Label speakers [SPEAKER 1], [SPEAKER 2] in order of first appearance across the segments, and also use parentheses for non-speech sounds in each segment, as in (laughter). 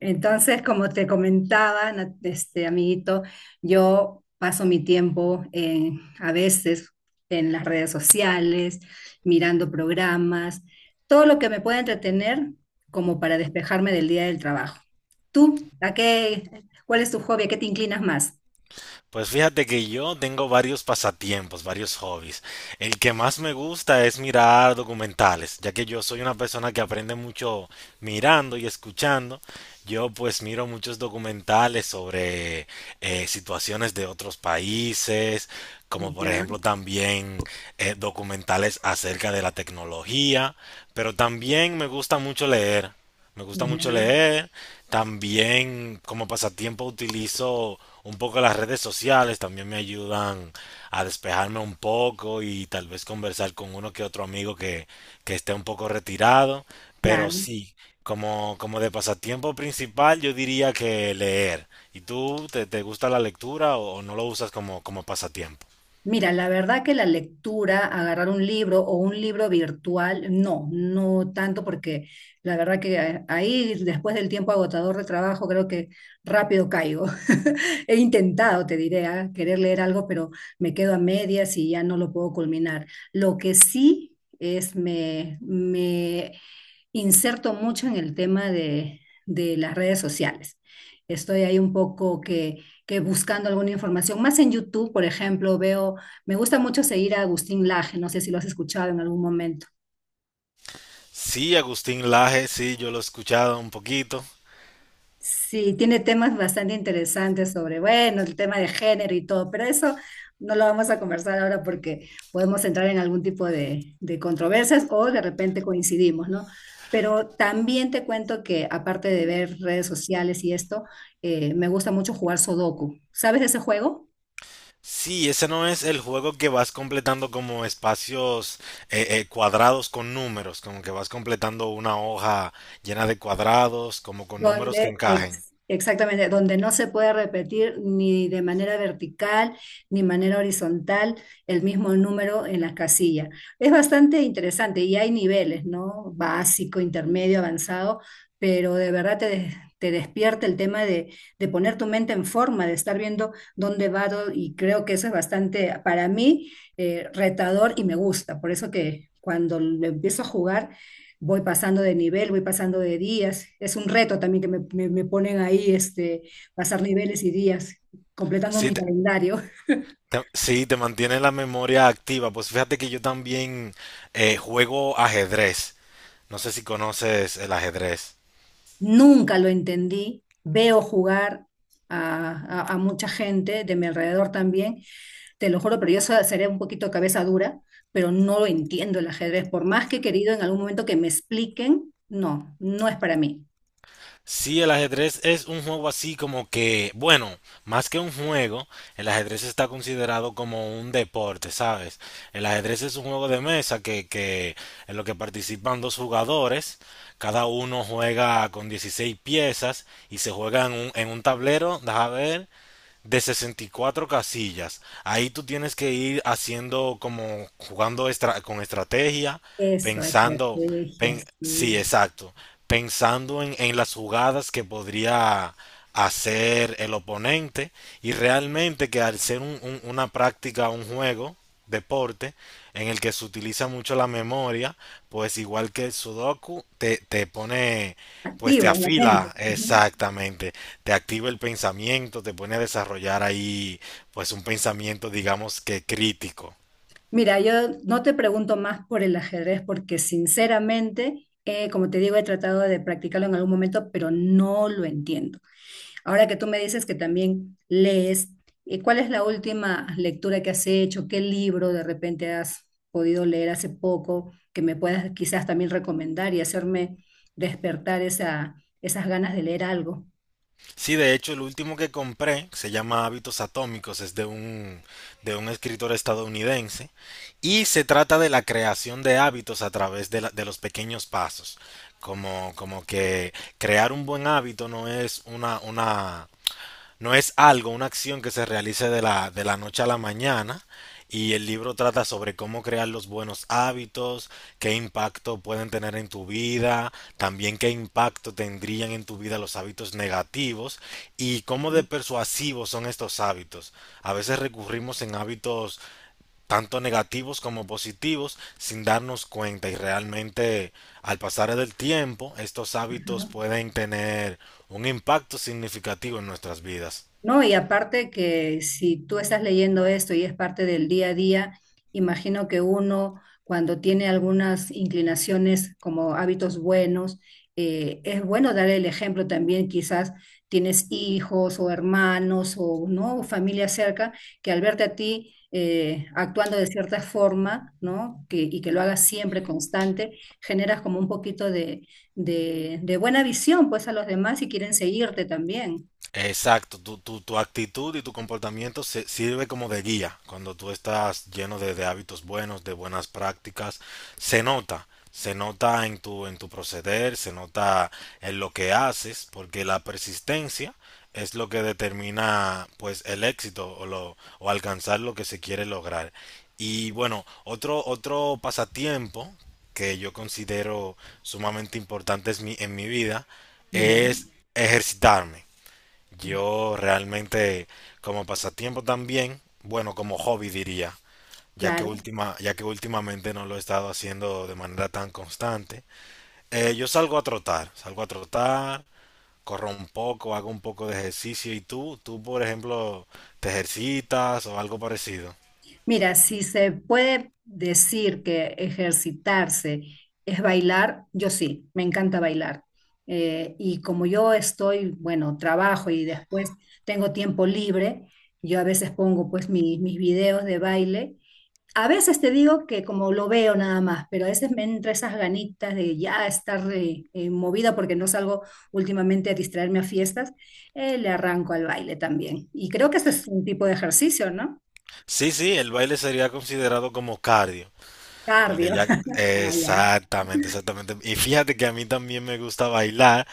[SPEAKER 1] Entonces, como te comentaba, este amiguito, yo paso mi tiempo a veces en las redes sociales, mirando programas, todo lo que me pueda entretener como para despejarme del día del trabajo. ¿Tú, a qué, cuál es tu hobby? ¿A qué te inclinas más?
[SPEAKER 2] Pues fíjate que yo tengo varios pasatiempos, varios hobbies. El que más me gusta es mirar documentales, ya que yo soy una persona que aprende mucho mirando y escuchando. Yo pues miro muchos documentales sobre situaciones de otros países, como por
[SPEAKER 1] Ya,
[SPEAKER 2] ejemplo también documentales acerca de la tecnología, pero también me gusta mucho leer. Me gusta mucho
[SPEAKER 1] ya,
[SPEAKER 2] leer. También como pasatiempo utilizo un poco las redes sociales. También me ayudan a despejarme un poco y tal vez conversar con uno que otro amigo que esté un poco retirado. Pero
[SPEAKER 1] claro.
[SPEAKER 2] sí, como de pasatiempo principal yo diría que leer. ¿Y tú te gusta la lectura o no lo usas como pasatiempo?
[SPEAKER 1] Mira, la verdad que la lectura, agarrar un libro o un libro virtual, no, no tanto porque la verdad que ahí después del tiempo agotador de trabajo creo que rápido caigo. (laughs) He intentado, te diré, querer leer algo, pero me quedo a medias y ya no lo puedo culminar. Lo que sí es me inserto mucho en el tema de las redes sociales. Estoy ahí un poco que buscando alguna información, más en YouTube, por ejemplo, veo me gusta mucho seguir a Agustín Laje, no sé si lo has escuchado en algún momento.
[SPEAKER 2] Sí, Agustín Laje, sí, yo lo he escuchado un poquito.
[SPEAKER 1] Sí, tiene temas bastante interesantes sobre, bueno, el tema de género y todo, pero eso no lo vamos a conversar ahora porque podemos entrar en algún tipo de controversias o de repente coincidimos, ¿no? Pero también te cuento que aparte de ver redes sociales y esto, me gusta mucho jugar Sudoku. ¿Sabes de ese juego?
[SPEAKER 2] Sí, ese no es el juego que vas completando como espacios cuadrados con números, como que vas completando una hoja llena de cuadrados, como con números que
[SPEAKER 1] Donde,
[SPEAKER 2] encajen.
[SPEAKER 1] exactamente, donde no se puede repetir ni de manera vertical ni manera horizontal el mismo número en las casillas. Es bastante interesante y hay niveles, ¿no? Básico, intermedio, avanzado, pero de verdad te despierta el tema de poner tu mente en forma, de estar viendo dónde va, y creo que eso es bastante, para mí, retador y me gusta. Por eso que cuando lo empiezo a jugar voy pasando de nivel, voy pasando de días. Es un reto también que me ponen ahí, este, pasar niveles y días, completando
[SPEAKER 2] Sí,
[SPEAKER 1] mi calendario.
[SPEAKER 2] sí, te mantiene la memoria activa. Pues fíjate que yo también juego ajedrez. No sé si conoces el ajedrez.
[SPEAKER 1] Nunca lo entendí. Veo jugar a mucha gente de mi alrededor también. Te lo juro, pero yo seré un poquito cabeza dura, pero no lo entiendo el ajedrez. Por más que he querido en algún momento que me expliquen, no, no es para mí.
[SPEAKER 2] Sí, el ajedrez es un juego así como que, bueno, más que un juego, el ajedrez está considerado como un deporte, ¿sabes? El ajedrez es un juego de mesa que en lo que participan dos jugadores, cada uno juega con 16 piezas y se juega en un, tablero, deja ver, de 64 casillas. Ahí tú tienes que ir haciendo como jugando con estrategia,
[SPEAKER 1] Eso,
[SPEAKER 2] pensando,
[SPEAKER 1] estrategias,
[SPEAKER 2] sí,
[SPEAKER 1] sí.
[SPEAKER 2] exacto, pensando en las jugadas que podría hacer el oponente y realmente que al ser una práctica, un juego, deporte en el que se utiliza mucho la memoria, pues igual que el Sudoku, te pone, pues te
[SPEAKER 1] Activo, la mente.
[SPEAKER 2] afila
[SPEAKER 1] Ujú.
[SPEAKER 2] exactamente, te activa el pensamiento, te pone a desarrollar ahí, pues un pensamiento, digamos que crítico.
[SPEAKER 1] Mira, yo no te pregunto más por el ajedrez porque sinceramente, como te digo, he tratado de practicarlo en algún momento, pero no lo entiendo. Ahora que tú me dices que también lees, ¿cuál es la última lectura que has hecho? ¿Qué libro de repente has podido leer hace poco que me puedas quizás también recomendar y hacerme despertar esa, esas ganas de leer algo?
[SPEAKER 2] Sí, de hecho, el último que compré se llama Hábitos Atómicos, es de un, escritor estadounidense y se trata de la creación de hábitos a través de los pequeños pasos. Como que crear un buen hábito no es una, no es algo, una acción que se realice de la noche a la mañana. Y el libro trata sobre cómo crear los buenos hábitos, qué impacto pueden tener en tu vida, también qué impacto tendrían en tu vida los hábitos negativos y cómo de persuasivos son estos hábitos. A veces recurrimos en hábitos tanto negativos como positivos sin darnos cuenta y realmente al pasar del tiempo estos hábitos pueden tener un impacto significativo en nuestras vidas.
[SPEAKER 1] No, y aparte que si tú estás leyendo esto y es parte del día a día, imagino que uno cuando tiene algunas inclinaciones como hábitos buenos, es bueno dar el ejemplo también, quizás tienes hijos o hermanos o no familia cerca que al verte a ti actuando de cierta forma, ¿no? Que, y que lo hagas siempre constante, generas como un poquito de, de buena visión pues a los demás y quieren seguirte también.
[SPEAKER 2] Exacto, tu actitud y tu comportamiento sirve como de guía. Cuando tú estás lleno de hábitos buenos, de buenas prácticas, se nota en tu proceder, se nota en lo que haces, porque la persistencia es lo que determina pues el éxito o alcanzar lo que se quiere lograr. Y bueno, otro pasatiempo que yo considero sumamente importante en mi vida
[SPEAKER 1] Ya,
[SPEAKER 2] es ejercitarme. Yo realmente como pasatiempo también, bueno, como hobby diría,
[SPEAKER 1] claro.
[SPEAKER 2] ya que últimamente no lo he estado haciendo de manera tan constante. Yo salgo a trotar, corro un poco, hago un poco de ejercicio. ¿Y tú? ¿Tú, por ejemplo, te ejercitas o algo parecido?
[SPEAKER 1] Mira, si se puede decir que ejercitarse es bailar, yo sí, me encanta bailar. Y como yo estoy, bueno, trabajo y después tengo tiempo libre, yo a veces pongo pues mis videos de baile. A veces te digo que como lo veo nada más, pero a veces me entra esas ganitas de ya estar movida porque no salgo últimamente a distraerme a fiestas, le arranco al baile también. Y creo que ese es un tipo de ejercicio, ¿no?
[SPEAKER 2] Sí, sí, el baile sería considerado como cardio. Porque
[SPEAKER 1] Cardio.
[SPEAKER 2] ya,
[SPEAKER 1] Ah, ya.
[SPEAKER 2] exactamente, exactamente. Y fíjate que a mí también me gusta bailar,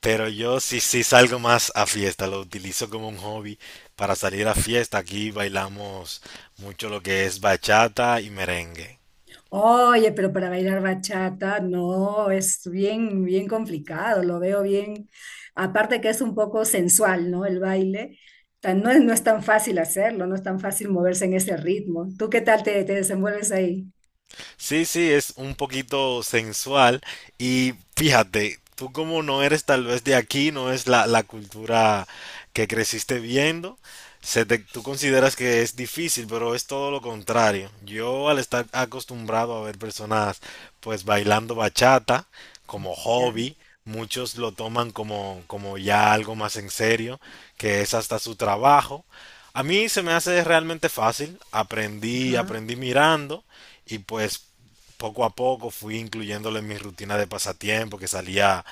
[SPEAKER 2] pero yo sí, sí salgo más a fiesta, lo utilizo como un hobby para salir a fiesta. Aquí bailamos mucho lo que es bachata y merengue.
[SPEAKER 1] Oye, pero para bailar bachata, no, es bien, bien complicado, lo veo bien. Aparte que es un poco sensual, ¿no? El baile. No es, no es tan fácil hacerlo, no es tan fácil moverse en ese ritmo. ¿Tú qué tal te desenvuelves ahí?
[SPEAKER 2] Sí, sí, es un poquito sensual y fíjate, tú como no eres tal vez de aquí, no es la, cultura que creciste viendo, tú consideras que es difícil, pero es todo lo contrario. Yo al estar acostumbrado a ver personas pues bailando bachata como hobby, muchos lo toman como ya algo más en serio, que es hasta su trabajo. A mí se me hace realmente fácil, aprendí,
[SPEAKER 1] Ya.
[SPEAKER 2] aprendí mirando. Y pues poco a poco fui incluyéndolo en mi rutina de pasatiempo, que salía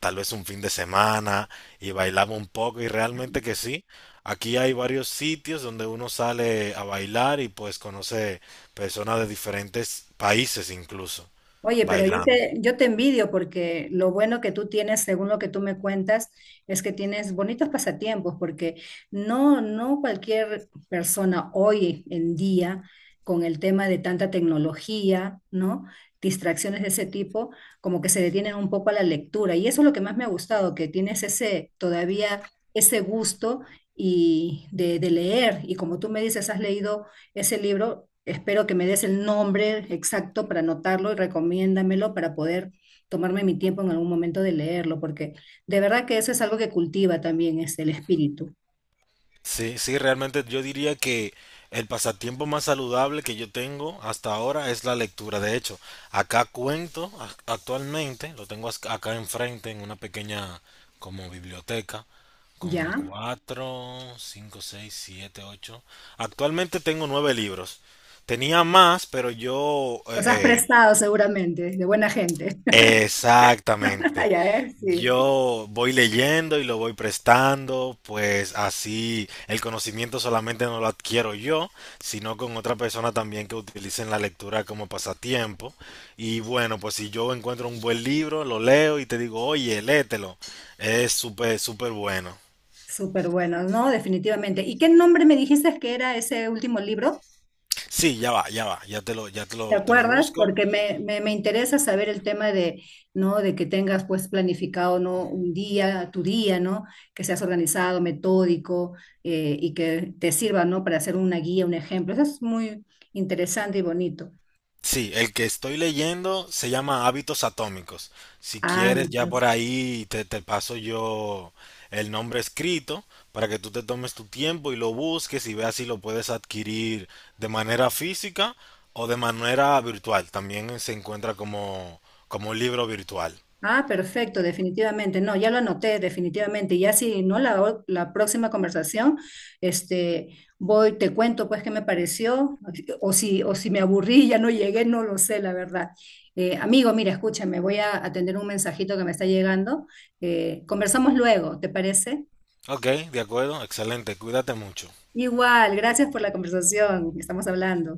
[SPEAKER 2] tal vez un fin de semana y bailaba un poco y realmente que sí. Aquí hay varios sitios donde uno sale a bailar y pues conoce personas de diferentes países incluso
[SPEAKER 1] Oye, pero
[SPEAKER 2] bailando.
[SPEAKER 1] yo te envidio porque lo bueno que tú tienes, según lo que tú me cuentas, es que tienes bonitos pasatiempos, porque no, no cualquier persona hoy en día, con el tema de tanta tecnología, ¿no? Distracciones de ese tipo, como que se detienen un poco a la lectura. Y eso es lo que más me ha gustado, que tienes ese, todavía ese gusto y de leer. Y como tú me dices, has leído ese libro, espero que me des el nombre exacto para anotarlo y recomiéndamelo para poder tomarme mi tiempo en algún momento de leerlo, porque de verdad que eso es algo que cultiva también es el espíritu,
[SPEAKER 2] Sí, sí, realmente yo diría que el pasatiempo más saludable que yo tengo hasta ahora es la lectura. De hecho, acá cuento actualmente, lo tengo acá enfrente en una pequeña como biblioteca con
[SPEAKER 1] ¿ya?
[SPEAKER 2] cuatro, cinco, seis, siete, ocho. Actualmente tengo nueve libros. Tenía más, pero yo
[SPEAKER 1] Los has prestado seguramente, de buena gente.
[SPEAKER 2] exactamente.
[SPEAKER 1] (laughs) Ya ves, sí.
[SPEAKER 2] Yo voy leyendo y lo voy prestando, pues así el conocimiento solamente no lo adquiero yo, sino con otra persona también que utilicen la lectura como pasatiempo. Y bueno, pues si yo encuentro un buen libro, lo leo y te digo, oye, léetelo. Es súper, súper bueno.
[SPEAKER 1] Súper bueno, ¿no? Definitivamente. ¿Y qué nombre me dijiste que era ese último libro?
[SPEAKER 2] Sí, ya va,
[SPEAKER 1] ¿Te
[SPEAKER 2] te lo
[SPEAKER 1] acuerdas?
[SPEAKER 2] busco.
[SPEAKER 1] Porque me interesa saber el tema de, ¿no? De que tengas pues planificado, ¿no? Un día, tu día, ¿no? Que seas organizado, metódico y que te sirva, ¿no? Para hacer una guía, un ejemplo. Eso es muy interesante y bonito.
[SPEAKER 2] Sí, el que estoy leyendo se llama Hábitos Atómicos. Si quieres, ya
[SPEAKER 1] Hábitos.
[SPEAKER 2] por ahí te paso yo el nombre escrito para que tú te tomes tu tiempo y lo busques y veas si lo puedes adquirir de manera física o de manera virtual. También se encuentra como, un libro virtual.
[SPEAKER 1] Ah, perfecto, definitivamente. No, ya lo anoté, definitivamente. Y ya si no, la próxima conversación, este, voy, te cuento pues qué me pareció, o si me aburrí, y ya no llegué, no lo sé, la verdad. Amigo, mira, escúchame, voy a atender un mensajito que me está llegando. Conversamos luego, ¿te parece?
[SPEAKER 2] Ok, de acuerdo, excelente, cuídate mucho.
[SPEAKER 1] Igual, gracias por la conversación, estamos hablando.